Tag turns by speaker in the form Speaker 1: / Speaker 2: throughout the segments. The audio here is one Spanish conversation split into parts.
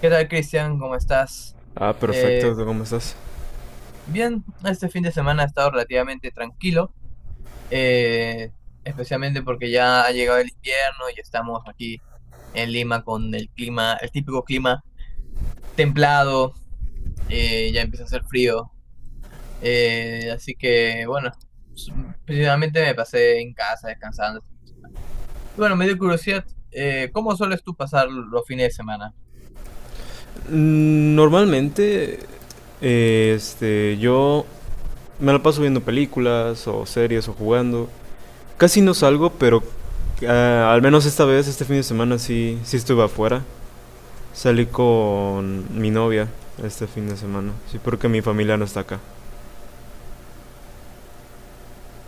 Speaker 1: ¿Qué tal, Cristian? ¿Cómo estás?
Speaker 2: Ah, perfecto.
Speaker 1: Eh,
Speaker 2: ¿Tú cómo estás?
Speaker 1: Bien, este fin de semana ha estado relativamente tranquilo, eh, especialmente porque ya ha llegado el invierno y estamos aquí en Lima con el clima, el típico clima templado, ya empieza a hacer frío, así que bueno, s- principalmente me pasé en casa descansando. Y bueno, me dio curiosidad, ¿cómo sueles tú pasar los fines de semana?
Speaker 2: Normalmente, yo me la paso viendo películas o series o jugando. Casi no salgo, pero al menos esta vez, este fin de semana sí, sí estuve afuera. Salí con mi novia este fin de semana. Sí, porque mi familia no está acá.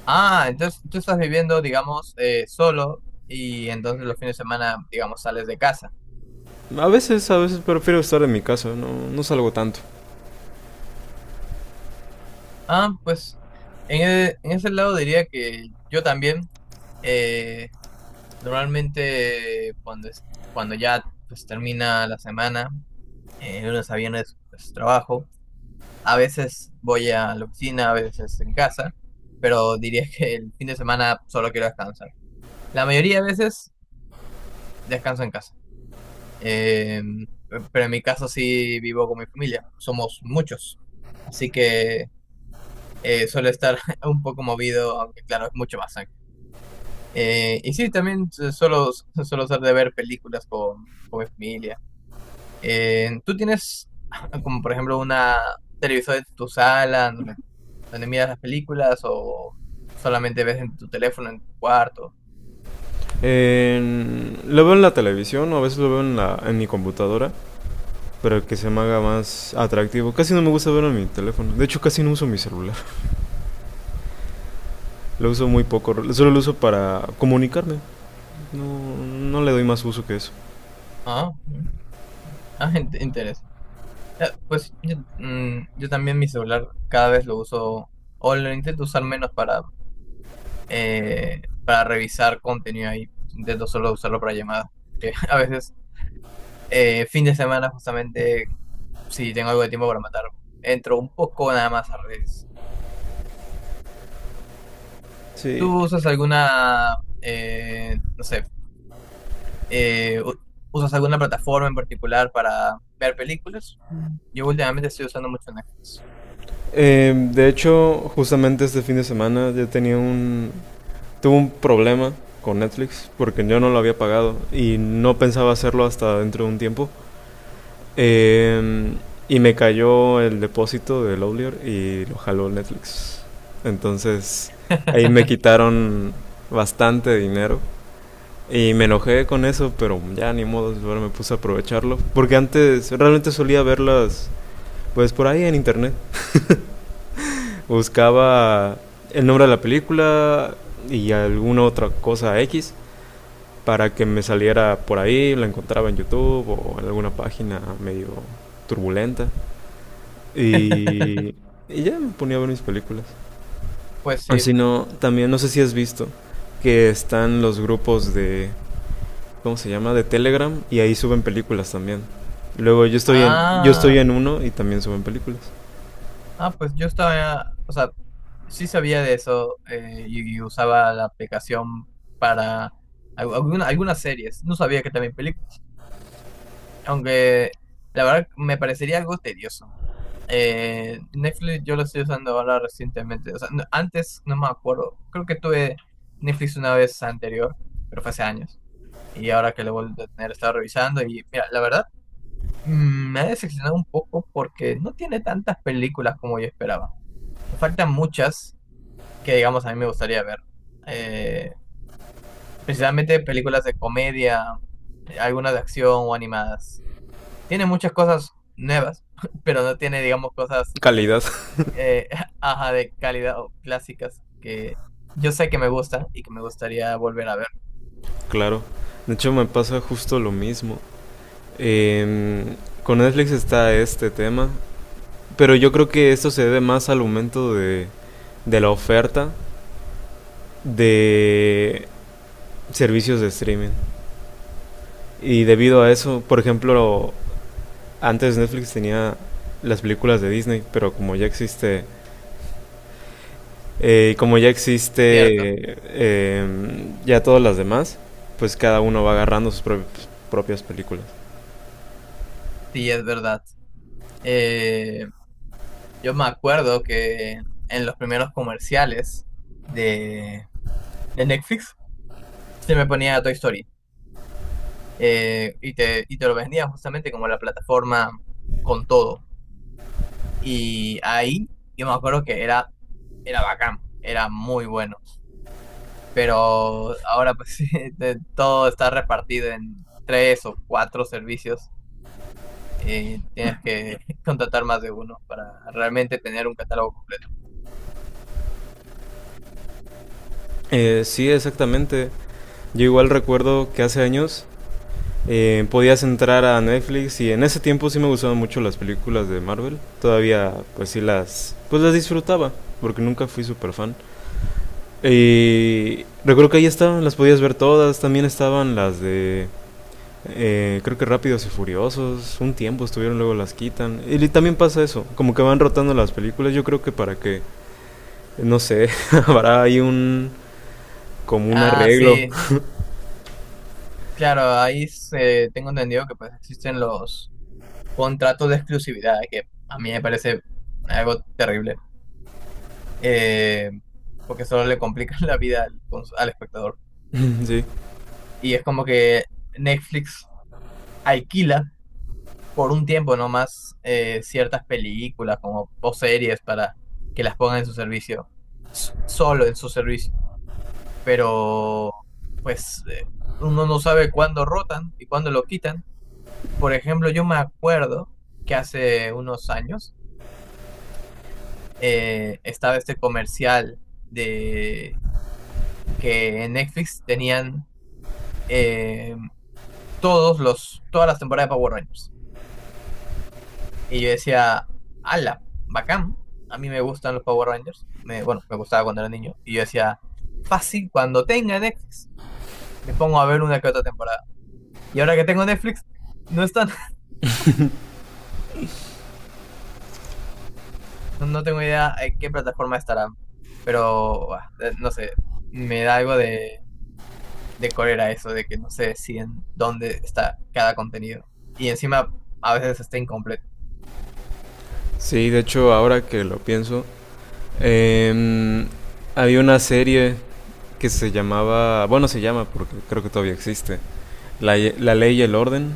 Speaker 1: Ah, entonces tú estás viviendo, digamos, solo y entonces los fines de semana, digamos, sales de casa.
Speaker 2: A veces prefiero estar en mi casa. No, no salgo tanto.
Speaker 1: Ah, pues en ese lado diría que yo también, eh, normalmente cuando ya pues, termina la semana, lunes a viernes pues, trabajo, a veces voy a la oficina, a veces en casa, pero diría que el fin de semana solo quiero descansar. La mayoría de veces descanso en casa. Em, pero en mi caso sí vivo con mi familia, somos muchos, así que suele estar un poco movido, aunque claro, es mucho más sangre. Y sí, también suelo ser de ver películas con mi familia. ¿Tú tienes como por ejemplo una un televisor en tu sala donde, donde miras las películas o solamente ves en tu teléfono, en tu cuarto?
Speaker 2: Lo veo en la televisión o a veces lo veo en en mi computadora. Para que se me haga más atractivo. Casi no me gusta verlo en mi teléfono. De hecho, casi no uso mi celular. Lo uso muy poco. Solo lo uso para comunicarme. No, no le doy más uso que eso.
Speaker 1: Ah, mm, ah, interesante. Ya, pues yo, mm, yo también mi celular cada vez lo uso, o lo intento usar menos para revisar contenido ahí. Intento solo usarlo para llamadas. Que a veces, fin de semana, justamente, si tengo algo de tiempo para matar, entro un poco nada más a redes.
Speaker 2: Sí.
Speaker 1: ¿Tú usas alguna, no sé, eh, u- usas alguna plataforma en particular para ver películas? Yo últimamente estoy usando mucho Netflix.
Speaker 2: De hecho, justamente este fin de semana yo tenía un... Tuve un problema con Netflix porque yo no lo había pagado y no pensaba hacerlo hasta dentro de un tiempo. Eh, y me cayó el depósito de Lowlier y lo jaló Netflix. Entonces ahí me quitaron bastante dinero. Y me enojé con eso, pero ya ni modo, ahora me puse a aprovecharlo. Porque antes realmente solía verlas, pues por ahí en internet. Buscaba el nombre de la película y alguna otra cosa X para que me saliera por ahí, la encontraba en YouTube o en alguna página medio turbulenta. Y, y ya me ponía a ver mis películas.
Speaker 1: Pues sí.
Speaker 2: Así no, también no sé si has visto que están los grupos de, ¿cómo se llama? De Telegram y ahí suben películas también. Luego yo
Speaker 1: Ah.
Speaker 2: estoy en uno y también suben películas.
Speaker 1: Ah, pues yo estaba, o sea, sí sabía de eso, y usaba la aplicación para algunas series. No sabía que también películas. Aunque la verdad me parecería algo tedioso. Netflix yo lo estoy usando ahora recientemente. O sea, antes no me acuerdo. Creo que tuve Netflix una vez anterior, pero fue hace años. Y ahora que lo vuelvo a tener, estaba revisando y mira, la verdad mm, me ha decepcionado un poco porque no tiene tantas películas como yo esperaba. Le faltan muchas que digamos a mí me gustaría ver. Eh, Precisamente películas de comedia, algunas de acción o animadas. Tiene muchas cosas nuevas, pero no tiene, digamos, cosas
Speaker 2: Calidad,
Speaker 1: eh, ajá, de calidad o clásicas que yo sé que me gustan y que me gustaría volver a ver.
Speaker 2: claro. De hecho me pasa justo lo mismo. Em, con Netflix está este tema, pero yo creo que esto se debe más al aumento de la oferta de servicios de streaming. Y debido a eso, por ejemplo, antes Netflix tenía las películas de Disney, pero como ya
Speaker 1: Cierto,
Speaker 2: existe ya todas las demás, pues cada uno va agarrando sus propias, propias películas.
Speaker 1: sí, es verdad. Eh, yo me acuerdo que en los primeros comerciales de, de Netflix se me ponía Toy Story. Eh, y te lo vendían justamente como la plataforma con todo. Y ahí yo me acuerdo que era, era bacán, era muy bueno. Pero ahora pues sí, todo está repartido en tres o cuatro servicios. Eh, tienes que contratar más de uno para realmente tener un catálogo completo.
Speaker 2: Sí, exactamente. Yo igual recuerdo que hace años podías entrar a Netflix y en ese tiempo sí me gustaban mucho las películas de Marvel. Todavía pues sí las disfrutaba porque nunca fui super fan. Y recuerdo que ahí estaban, las podías ver todas. También estaban las de. Eh, creo que Rápidos y Furiosos. Un tiempo estuvieron, luego las quitan. Y también pasa eso. Como que van rotando las películas. Yo creo que para que. No sé. Habrá ahí un. Como un
Speaker 1: Ah,
Speaker 2: arreglo.
Speaker 1: sí, claro, tengo entendido que pues existen los contratos de exclusividad, que a mí me parece algo terrible. eh, Porque solo le complican la vida al espectador.
Speaker 2: Sí.
Speaker 1: Y es como que Netflix alquila por un tiempo nomás ciertas películas como, o series para que las pongan en su servicio, solo en su servicio. Pero pues uno no sabe cuándo rotan y cuándo lo quitan. Por ejemplo, yo me acuerdo que hace unos años estaba este comercial de que en Netflix tenían... eh, todas las temporadas de Power Rangers. Y yo decía, ala, bacán, a mí me gustan los Power Rangers. Me, bueno, me gustaba cuando era niño. Y yo decía, fácil, cuando tenga Netflix, me pongo a ver una que otra temporada. Y ahora que tengo Netflix, no están, no, no tengo idea en qué plataforma estarán. Pero, ah, no sé, me da algo de cólera eso, de que no sé si en dónde está cada contenido. Y encima, a veces está incompleto.
Speaker 2: Sí, de hecho, ahora que lo pienso. em, Había una serie que se llamaba. Bueno, se llama porque creo que todavía existe. La Ley y el Orden.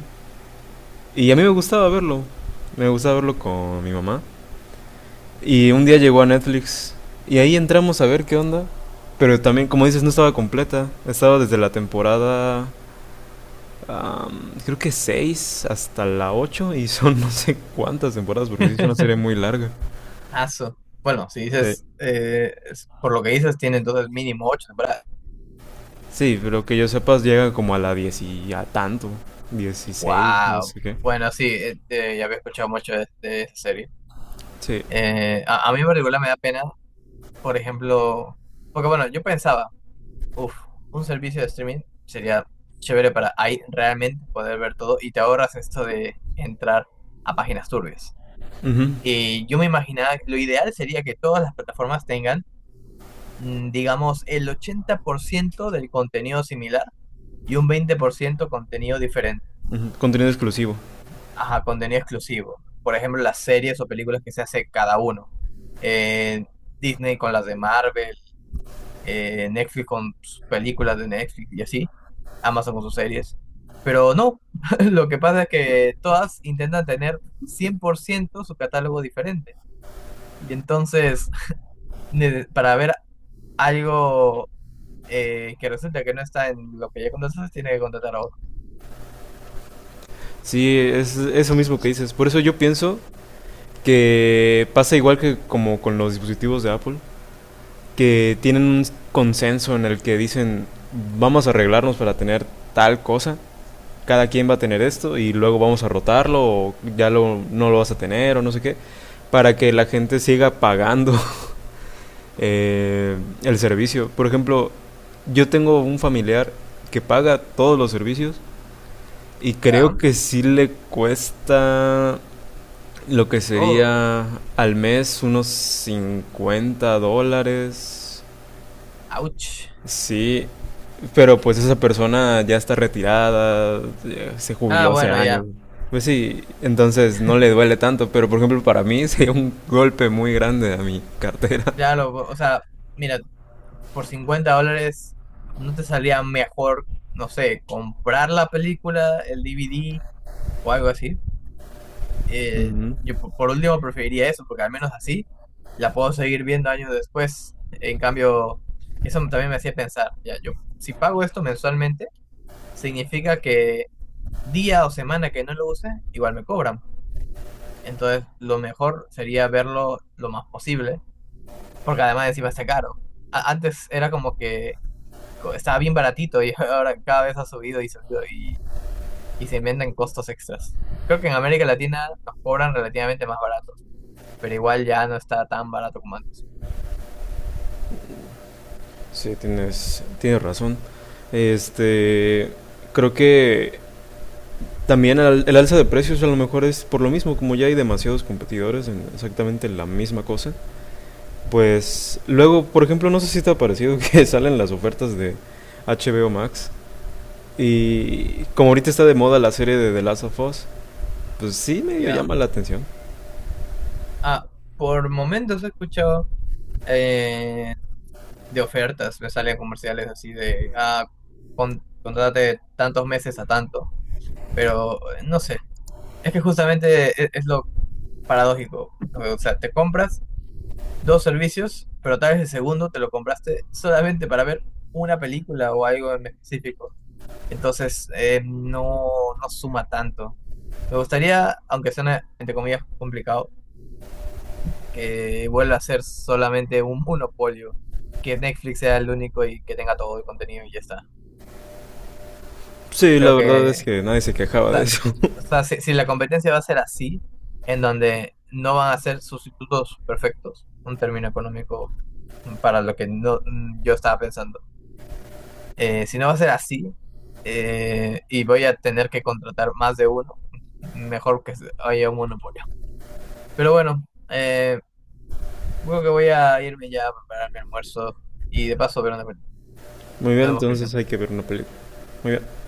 Speaker 2: Y a mí me gustaba verlo. Me gustaba verlo con mi mamá. Y un día llegó a Netflix. Y ahí entramos a ver qué onda. Pero también, como dices, no estaba completa. Estaba desde la temporada. Creo que 6 hasta la ocho. Y son no sé cuántas temporadas. Porque sí es una serie muy larga.
Speaker 1: Aso. Bueno, si
Speaker 2: Sí,
Speaker 1: dices, por lo que dices, tiene entonces mínimo ocho temporadas.
Speaker 2: sí pero que yo sepas, llega como a la 10 y a tanto. 16 no
Speaker 1: ¡Wow!
Speaker 2: sé qué.
Speaker 1: Bueno, sí, ya había escuchado mucho de esa serie.
Speaker 2: Sí.
Speaker 1: A mí en particular me da pena, por ejemplo, porque bueno, yo pensaba, uff, un servicio de streaming sería chévere para ahí realmente poder ver todo y te ahorras esto de entrar a páginas turbias.
Speaker 2: Ujú,
Speaker 1: Y yo me imaginaba que lo ideal sería que todas las plataformas tengan, mm, digamos, el 80% del contenido similar y un 20% contenido diferente,
Speaker 2: ujú, contenido exclusivo.
Speaker 1: ajá, contenido exclusivo. Por ejemplo, las series o películas que se hace cada uno. Eh, Disney con las de Marvel, Netflix con sus películas de Netflix y así, Amazon con sus series. Pero no, lo que pasa es que todas intentan tener 100% su catálogo diferente. Y entonces, para ver algo que resulta que no está en lo que ya contrataste, tiene que contratar a otro.
Speaker 2: Sí, es eso mismo que dices. Por eso yo pienso que pasa igual que como con los dispositivos de Apple, que tienen un consenso en el que dicen vamos a arreglarnos para tener tal cosa, cada quien va a tener esto y luego vamos a rotarlo o ya lo, no lo vas a tener o no sé qué, para que la gente siga pagando eh, el servicio. Por ejemplo, yo tengo un familiar que paga todos los servicios y creo
Speaker 1: Ya,
Speaker 2: que sí le cuesta, lo que
Speaker 1: todo.
Speaker 2: sería al mes, unos $50.
Speaker 1: Ouch.
Speaker 2: Sí, pero pues esa persona ya está retirada, ya se
Speaker 1: Ah,
Speaker 2: jubiló hace
Speaker 1: bueno,
Speaker 2: años.
Speaker 1: ya.
Speaker 2: Pues sí, entonces no le duele tanto, pero por ejemplo para mí sería un golpe muy grande a mi cartera.
Speaker 1: Claro lo, o sea, mira, por $50 no te salía mejor, no sé, comprar la película, el DVD o algo así. Eh,
Speaker 2: Ujú.
Speaker 1: por último preferiría eso, porque al menos así la puedo seguir viendo años después. En cambio, eso también me hacía pensar, ya, yo si pago esto mensualmente, significa que día o semana que no lo use, igual me cobran. Entonces, lo mejor sería verlo lo más posible, porque además encima está caro. Antes era como que estaba bien baratito y ahora cada vez ha subido y subido y se inventan costos extras. Creo que en América Latina nos cobran relativamente más baratos pero igual ya no está tan barato como antes.
Speaker 2: Sí, tienes razón. Este, creo que también el alza de precios a lo mejor es por lo mismo, como ya hay demasiados competidores en exactamente la misma cosa, pues luego, por ejemplo, no sé si te ha parecido que salen las ofertas de HBO Max y como ahorita está de moda la serie de The Last of Us, pues sí medio
Speaker 1: Ya.
Speaker 2: llama la atención.
Speaker 1: Ah, por momentos he escuchado eh, de ofertas, me salen comerciales así de, ah, contrátate tantos meses a tanto, pero no sé, es que justamente es, lo paradójico. O sea, te compras dos servicios, pero tal vez el segundo te lo compraste solamente para ver una película o algo en específico. Entonces, no, no suma tanto. Me gustaría, aunque suene entre comillas complicado, que vuelva a ser solamente un monopolio, que Netflix sea el único y que tenga todo el contenido y ya está.
Speaker 2: Sí, la
Speaker 1: Creo
Speaker 2: verdad es
Speaker 1: que,
Speaker 2: que nadie se
Speaker 1: o
Speaker 2: quejaba de
Speaker 1: sea,
Speaker 2: eso.
Speaker 1: o sea, si, si la competencia va a ser así, en donde no van a ser sustitutos perfectos, un término económico para lo que no, yo estaba pensando. Si no va a ser así y voy a tener que contratar más de uno, mejor haya un monopolio. Pero bueno, creo que voy a irme ya a preparar mi almuerzo y de paso ver una película.
Speaker 2: Muy bien,
Speaker 1: Nos vemos,
Speaker 2: entonces
Speaker 1: Cristian.
Speaker 2: hay que ver una película. Muy bien.